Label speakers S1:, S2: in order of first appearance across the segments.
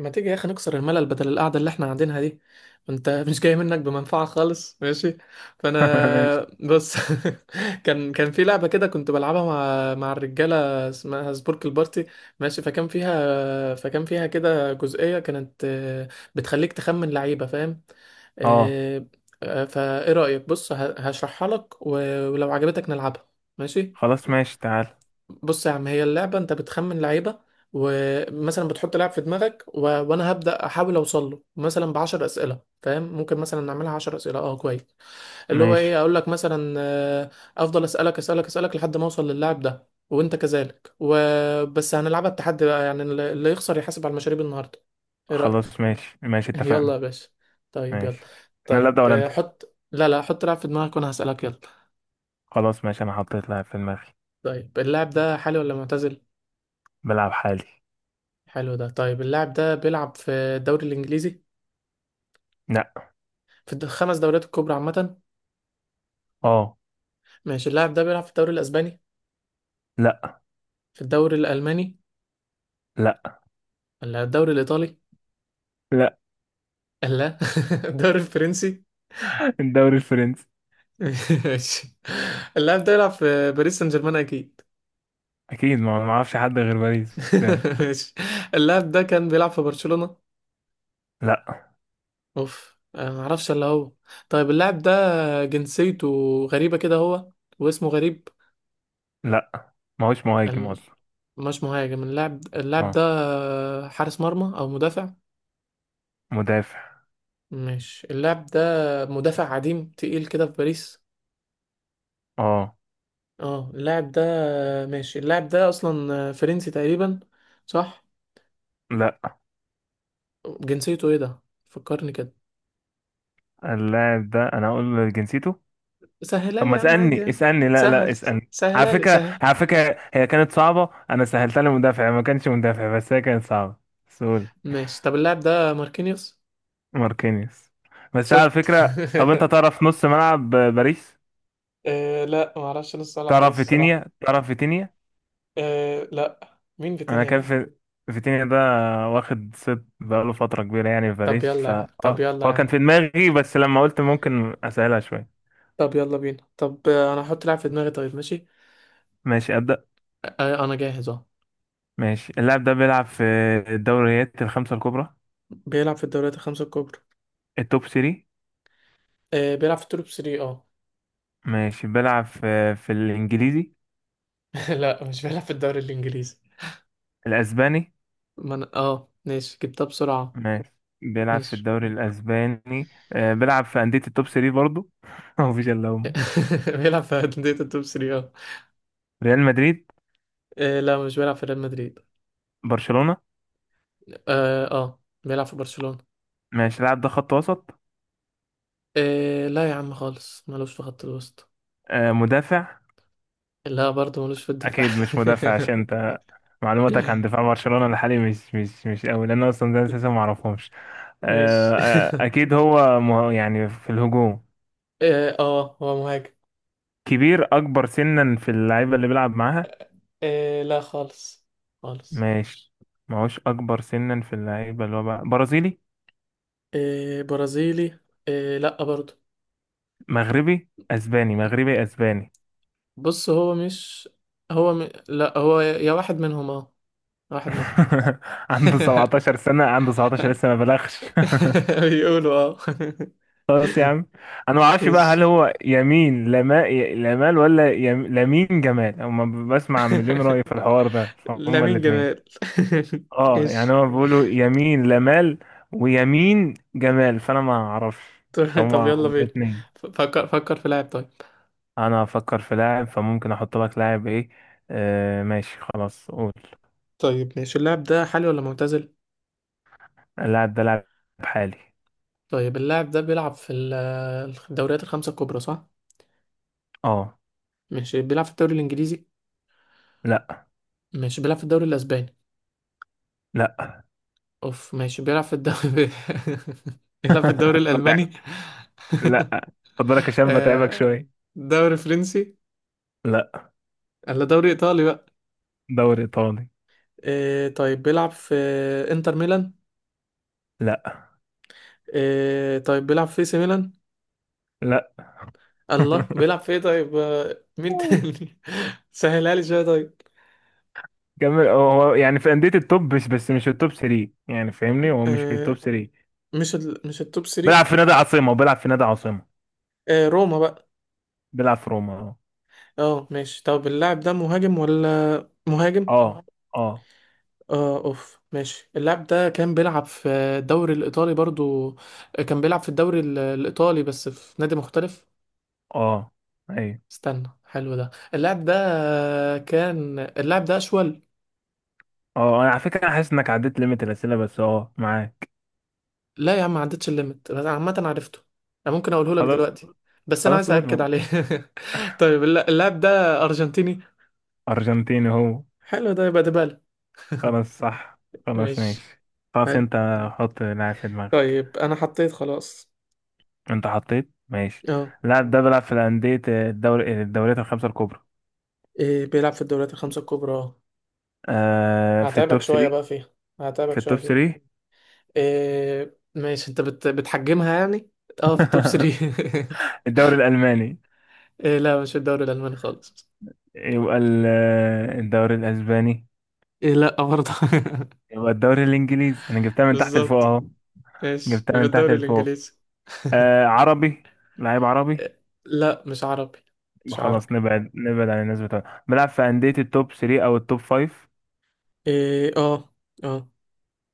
S1: ما تيجي يا اخي نكسر الملل بدل القعده اللي احنا قاعدينها دي؟ انت مش جاي منك بمنفعه خالص، ماشي. فانا
S2: ماشي.
S1: بص كان في لعبه كده كنت بلعبها مع الرجاله، اسمها سبورك البارتي. ماشي، فكان فيها كده جزئيه، كانت بتخليك تخمن لعيبه، فاهم؟
S2: اه،
S1: آه، فايه رايك؟ بص، هشرحها لك ولو عجبتك نلعبها. ماشي.
S2: خلاص ماشي، تعال.
S1: بص يا عم، هي اللعبة، انت بتخمن لعيبة ومثلا بتحط لاعب في دماغك، وانا هبدأ احاول اوصل له مثلا ب 10 اسئلة، فاهم؟ ممكن مثلا نعملها 10 اسئلة، اه كويس. اللي هو
S2: ماشي.
S1: ايه، اقول لك مثلا افضل اسألك لحد ما اوصل للاعب ده، وانت كذلك وبس. هنلعبها، التحدي بقى يعني اللي يخسر يحاسب على المشاريب النهاردة. ايه رأيك؟
S2: خلاص ماشي ماشي،
S1: يلا يا
S2: اتفقنا.
S1: باشا. طيب يلا.
S2: ماشي، انا اللي
S1: طيب،
S2: ابدا ولا انت؟
S1: حط لا لا حط لاعب في دماغك وانا هسألك، يلا.
S2: خلاص ماشي، انا حطيت لاعب في دماغي.
S1: طيب، اللاعب ده حالي ولا معتزل؟
S2: بلعب حالي.
S1: حلو ده. طيب اللاعب ده بيلعب في الدوري الانجليزي؟
S2: لا.
S1: في الخمس دوريات الكبرى عامة؟
S2: اه.
S1: ماشي، اللاعب ده بيلعب في الدوري الاسباني؟
S2: لا.
S1: في الدوري الالماني؟
S2: لا.
S1: ولا الدوري الايطالي؟
S2: لا.
S1: لا. الدوري الفرنسي.
S2: الدوري الفرنسي.
S1: ماشي، اللاعب ده بيلعب في باريس سان جيرمان اكيد.
S2: اكيد، ما اعرفش حد غير باريس يعني.
S1: ماشي. اللاعب ده كان بيلعب في برشلونة؟
S2: لا.
S1: اوف، انا ما اعرفش الا هو. طيب اللاعب ده جنسيته غريبة كده هو، واسمه غريب.
S2: لا، ما هوش مهاجم
S1: ال-
S2: اصلا.
S1: مش مهاجم اللاعب
S2: اه.
S1: ده، حارس مرمى او مدافع؟
S2: مدافع.
S1: ماشي، اللاعب ده مدافع عديم تقيل كده في باريس.
S2: اه.
S1: اه اللاعب ده. ماشي، اللاعب ده اصلا فرنسي تقريبا، صح؟
S2: لا،
S1: جنسيته ايه ده، فكرني كده.
S2: اللاعب ده انا اقول جنسيته؟
S1: سهلها
S2: طب،
S1: لي
S2: ما
S1: يا عم عادي
S2: اسألني
S1: يعني.
S2: اسألني لا لا،
S1: سهل،
S2: اسألني. على
S1: سهلها لي
S2: فكرة،
S1: سهل.
S2: على فكرة، هي كانت صعبة، أنا سهلتها لمدافع، ما كانش مدافع، بس هي كانت صعبة. سول.
S1: ماشي، طب اللاعب ده ماركينيوس.
S2: ماركينيوس. بس على
S1: شفت؟
S2: فكرة، طب أنت تعرف نص ملعب باريس؟
S1: آه لا، ما اعرفش نص ملعب
S2: تعرف
S1: باريس الصراحه.
S2: فيتينيا؟ تعرف فيتينيا؟
S1: آه لا، مين
S2: أنا
S1: فيتينيا
S2: كان
S1: ده؟
S2: في فيتينيا ده، واخد ست بقاله فترة كبيرة يعني في
S1: طب
S2: باريس،
S1: يلا
S2: ف
S1: يا عم،
S2: آه،
S1: طب يلا يا
S2: هو كان
S1: عم.
S2: في دماغي، بس لما قلت ممكن أسهلها شوية.
S1: طب يلا بينا، طب انا هحط لاعب في دماغي، طيب ماشي.
S2: ماشي أبدأ.
S1: انا جاهز اهو.
S2: ماشي، اللاعب ده بيلعب في الدوريات الخمسة الكبرى،
S1: بيلعب في الدوريات الخمسه الكبرى.
S2: التوب 3.
S1: آه بيلعب في التوب 3، اه.
S2: ماشي، بيلعب في الإنجليزي،
S1: لا مش بيلعب في الدوري الانجليزي.
S2: الأسباني.
S1: ما انا اه ماشي جبتها بسرعة.
S2: ماشي، بيلعب في
S1: ماشي.
S2: الدوري الأسباني، بيلعب في أندية التوب 3 برضو. هو مفيش إلا هم.
S1: بيلعب في أندية التوب 3، اه.
S2: ريال مدريد.
S1: لا مش بيلعب في ريال مدريد.
S2: برشلونة.
S1: اه اه بيلعب في برشلونة.
S2: ماشي، اللاعب ده خط وسط.
S1: آه لا يا عم خالص، ملوش في خط الوسط.
S2: مدافع.
S1: لا برضه ملوش في الدفاع.
S2: أكيد مش مدافع، عشان أنت معلوماتك عن دفاع برشلونة الحالي مش قوي، لأن أنا أصلا ده أساسا معرفهمش.
S1: مش
S2: أكيد هو يعني في الهجوم.
S1: اه، هو مهاجم.
S2: كبير، أكبر سنا في اللعيبة اللي بيلعب معاها.
S1: آه لا خالص، خالص.
S2: ماشي. معهوش، اكبر سنا في اللعيبه. اللي هو بقى برازيلي.
S1: آه برازيلي. آه لا برضه.
S2: مغربي، اسباني، مغربي، اسباني.
S1: بص هو مش، هو لا، هو يا واحد منهم اه، واحد منهم.
S2: عنده 17 سنه، عنده 17، لسه ما بلغش.
S1: بيقولوا اه.
S2: خلاص يا عم. انا ما اعرفش بقى، هل
S1: ايش.
S2: هو يمين لمال، ولا لمين جمال؟ اما بسمع عن مليون رأي في الحوار ده، فهم
S1: لامين
S2: الاثنين.
S1: جمال.
S2: اه، يعني
S1: ايش.
S2: هو بيقولوا يمين لمال ويمين جمال، فانا ما اعرفش.
S1: طب
S2: فهم
S1: طب يلا بينا.
S2: الاثنين.
S1: فكر في لاعب طيب.
S2: انا هفكر في لاعب، فممكن احط لك لاعب ايه. آه ماشي، خلاص قول.
S1: طيب ماشي، اللاعب ده حالي ولا معتزل؟
S2: اللاعب ده لاعب حالي.
S1: طيب اللاعب ده بيلعب في الدوريات الخمسة الكبرى، صح؟
S2: اه.
S1: ماشي، بيلعب في الدوري الانجليزي؟
S2: لا.
S1: ماشي، بيلعب في الدوري الاسباني؟
S2: لا.
S1: اوف، ماشي، بيلعب في الدوري بيلعب في الدوري
S2: بتاع.
S1: الالماني؟
S2: لا. خد بالك، عشان بتعبك
S1: آه،
S2: شويه.
S1: دوري فرنسي؟
S2: لا.
S1: ولا دوري ايطالي بقى؟
S2: دوري ايطالي.
S1: إيه، طيب بيلعب في انتر ميلان؟
S2: لا.
S1: إيه، طيب بيلعب في سي ميلان؟
S2: لا.
S1: الله، بيلعب في ايه طيب، مين تاني؟ سهلها لي شويه طيب.
S2: كمل. هو هو يعني في انديه التوب، بس مش التوب 3، يعني فاهمني، هو مش في التوب
S1: إيه،
S2: 3.
S1: مش مش التوب 3.
S2: بيلعب في نادي عاصمه، وبيلعب في نادي عاصمه.
S1: إيه، روما بقى؟
S2: بيلعب في روما.
S1: اه ماشي، طب اللاعب ده مهاجم ولا مهاجم؟
S2: اه. اه. اه.
S1: اه اوف، ماشي اللاعب ده كان بيلعب في الدوري الايطالي برضو، كان بيلعب في الدوري الايطالي بس في نادي مختلف.
S2: اه. ايوه.
S1: استنى، حلو ده، اللاعب ده، كان اللاعب ده اشول.
S2: اه. انا على فكره، انا حاسس انك عديت ليميت الاسئله، بس اه معاك.
S1: لا يا عم ما عدتش الليمت، بس عامه عرفته. انا ممكن اقوله لك
S2: خلاص.
S1: دلوقتي، بس انا
S2: خلاص
S1: عايز
S2: قول
S1: اكد
S2: ما.
S1: عليه. طيب اللاعب ده ارجنتيني.
S2: أرجنتيني هو.
S1: حلو ده، يبقى ديبالا.
S2: خلاص صح. خلاص
S1: ماشي.
S2: ماشي. خلاص،
S1: حلو.
S2: أنت حط لاعب في دماغك.
S1: طيب انا حطيت خلاص.
S2: أنت حطيت، ماشي.
S1: اه.
S2: اللاعب ده بيلعب في الأندية، الدوري، الدوريات الخمسة الكبرى.
S1: إيه، بيلعب في الدوريات الخمسه الكبرى اه.
S2: آه، في
S1: هتعبك
S2: التوب
S1: شويه
S2: 3.
S1: بقى فيها،
S2: في
S1: هتعبك شويه
S2: التوب
S1: فيها.
S2: 3.
S1: إيه ماشي، انت بتحجمها يعني. اه في التوب 3.
S2: الدوري الألماني.
S1: إيه، لا مش في الدوري الالماني خالص.
S2: يبقى الدوري الأسباني.
S1: إيه لا برضه.
S2: يبقى الدوري الإنجليزي، أنا جبتها من تحت لفوق
S1: بالظبط.
S2: أهو.
S1: ماشي،
S2: جبتها
S1: يبقى
S2: من تحت
S1: الدوري
S2: لفوق.
S1: الانجليزي.
S2: آه عربي، لعيب عربي.
S1: إيه، لا مش عربي، مش عربي.
S2: خلاص نبعد، نبعد عن الناس بتوع بيلعب في أندية التوب 3 أو التوب 5.
S1: ايه اه، اه.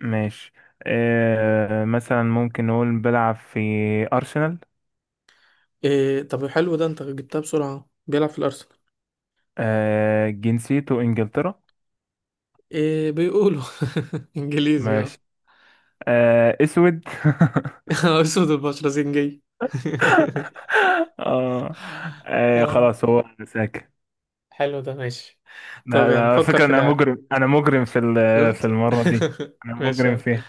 S2: ماشي. آه مثلا ممكن نقول بيلعب في أرسنال.
S1: إيه، طب حلو ده، انت جبتها بسرعة. بيلعب في الارسنال.
S2: آه جنسيته إنجلترا.
S1: إيه بيقولوا. انجليزي اه.
S2: ماشي. آه أسود.
S1: اسود البشرة زنجي.
S2: آه. آه
S1: اه.
S2: خلاص هو ساكن.
S1: حلو ده ماشي.
S2: لا
S1: طب
S2: لا،
S1: يعني
S2: على
S1: فكر
S2: فكرة
S1: في
S2: أنا
S1: لاعب.
S2: مجرم، أنا مجرم
S1: شفت؟
S2: في المرة دي. أنا
S1: ماشي يا
S2: مجرم
S1: عم.
S2: فيها.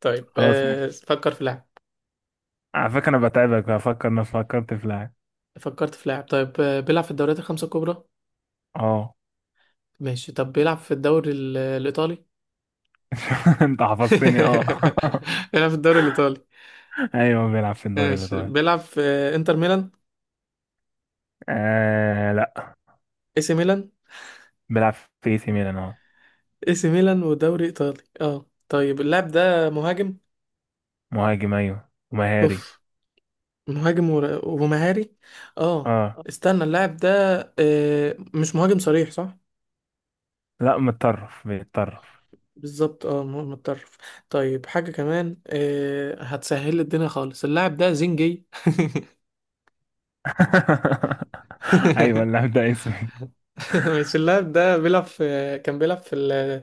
S1: طيب
S2: خلاص
S1: آه
S2: ماشي.
S1: فكر في لاعب.
S2: على فكرة أنا بتعبك بفكر، أنا فكرت في لاعب.
S1: فكرت في لاعب طيب، آه بيلعب في الدوريات الخمسة الكبرى.
S2: أه.
S1: ماشي، طب بيلعب في الدوري الإيطالي؟
S2: أنت حفظتني أه.
S1: بيلعب في الدوري الإيطالي.
S2: أيوه بيلعب في الدوري
S1: ماشي،
S2: الإيطالي.
S1: بيلعب في إنتر ميلان؟
S2: آه لا،
S1: اي سي ميلان؟
S2: بيلعب في إي سي ميلان أهو.
S1: اي سي ميلان ودوري إيطالي اه. طيب اللاعب ده مهاجم؟
S2: مهاجم ايوه، ومهاري.
S1: اوف. مهاجم ومهاري اه.
S2: اه.
S1: استنى، اللاعب ده، آه مش مهاجم صريح صح؟
S2: لا متطرف، بيتطرف.
S1: بالظبط، اه مهاجم متطرف. طيب حاجة كمان آه، هتسهل لي الدنيا خالص، اللاعب ده زنجي.
S2: ايوه اللاعب ده اسمه.
S1: ماشي، اللاعب ده بيلعب في، كان بيلعب في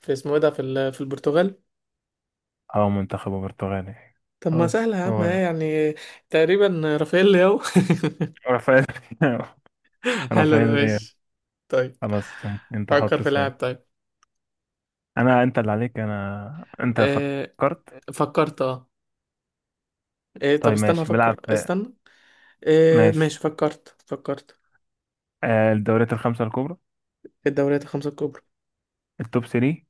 S1: في اسمه ايه ده في في البرتغال.
S2: اه منتخب البرتغالي.
S1: طب ما
S2: خلاص
S1: سهلة يا عم ها
S2: هو.
S1: يعني. تقريبا رافائيل لياو.
S2: رافائيل.
S1: حلو ده
S2: رافائيل ليا.
S1: ماشي. طيب.
S2: خلاص ماشي. انت
S1: فكر
S2: حط
S1: في لاعب
S2: سؤال.
S1: طيب.
S2: انا، انت اللي عليك، انا، انت
S1: إيه،
S2: فكرت.
S1: فكرت اه. إيه طب
S2: طيب
S1: استنى
S2: ماشي،
S1: افكر، استنى. إيه
S2: ماشي،
S1: ماشي، فكرت
S2: آه، الدوريات الخمسة الكبرى.
S1: في الدوريات الخمسة الكبرى.
S2: التوب 3.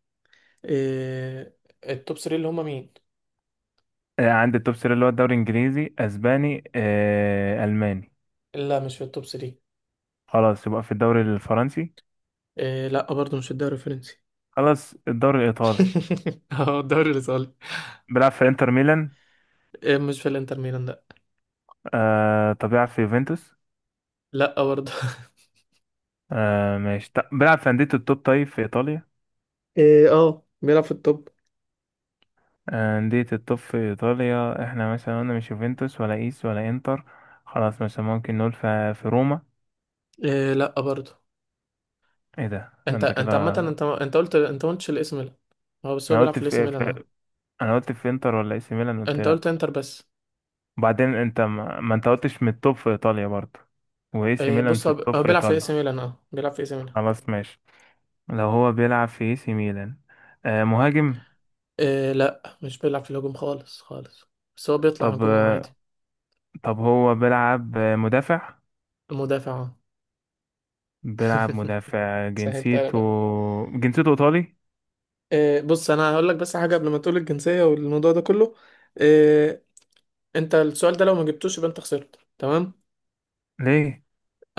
S1: إيه، التوب 3 اللي هما مين؟
S2: آه، عند التوب 3، اللي هو الدوري الانجليزي، اسباني، آه، الماني.
S1: لا مش في التوب 3.
S2: خلاص يبقى في الدوري الفرنسي.
S1: إيه لا برضه مش في الدوري الفرنسي.
S2: خلاص الدوري الايطالي.
S1: اه الدوري الايطالي.
S2: بيلعب في انتر ميلان.
S1: إيه، مش في الانتر ميلان، لا.
S2: آه طب بيلعب في يوفنتوس.
S1: لا برضه.
S2: آه ماشي، طب بيلعب في أندية التوب طيب في إيطاليا.
S1: إيه اه، بيلعب في التوب.
S2: آه، أندية التوب في إيطاليا. احنا مثلا قلنا مش يوفنتوس، ولا إيس، ولا إنتر. خلاص مثلا ممكن نقول في روما.
S1: إيه لا برضه.
S2: ايه ده، ده
S1: انت
S2: انت كده.
S1: انت عامه، انت قلت، انت ما قلتش الاس ميلان. هو بس هو
S2: انا
S1: بيلعب
S2: قلت
S1: في الاس
S2: في,
S1: ميلان اه.
S2: في انا قلت في انتر ولا اي سي ميلان، قلت
S1: انت
S2: لا.
S1: قلت انتر بس.
S2: وبعدين انت ما انت قلتش من التوب في ايطاليا برضه، واي سي
S1: اه
S2: ميلان
S1: بص
S2: في
S1: هو
S2: التوب
S1: هو
S2: في
S1: بيلعب في الاس
S2: ايطاليا.
S1: ميلان، اه بيلعب في الاس ميلان.
S2: خلاص ماشي. لو هو بيلعب في اي سي ميلان، آه مهاجم.
S1: اه لا، مش بيلعب في الهجوم خالص، خالص. بس هو بيطلع
S2: طب
S1: هجوم عادي.
S2: آه، طب هو بيلعب مدافع.
S1: مدافع اه.
S2: بيلعب مدافع.
S1: سهلت انا
S2: جنسيته.
S1: بقى.
S2: جنسيته ايطالي.
S1: إيه بص، انا هقول لك بس حاجه قبل ما تقول الجنسيه والموضوع ده كله. إيه، انت السؤال ده لو ما جبتوش يبقى انت خسرت، تمام؟
S2: ليه؟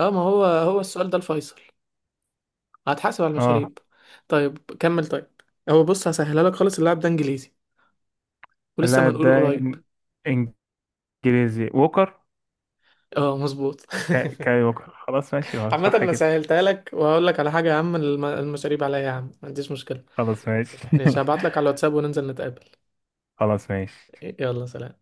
S1: اه ما هو هو السؤال ده الفيصل، هتحاسب على
S2: اه
S1: المشاريب. طيب كمل طيب. هو بص هسهلها لك خالص، اللاعب ده انجليزي، ولسه ما
S2: اللاعب
S1: نقول
S2: ده
S1: قريب.
S2: انجليزي. ووكر.
S1: اه مظبوط.
S2: كاي ووكر، خلاص ماشي، هو
S1: عامة
S2: صح
S1: انا
S2: كده.
S1: سهلتها لك، وهقول لك على حاجة يا عم، المشاريب عليا يا عم، ما عنديش مشكلة.
S2: خلاص ماشي.
S1: ماشي، هبعت لك على الواتساب وننزل نتقابل.
S2: خلاص ماشي
S1: يلا سلام.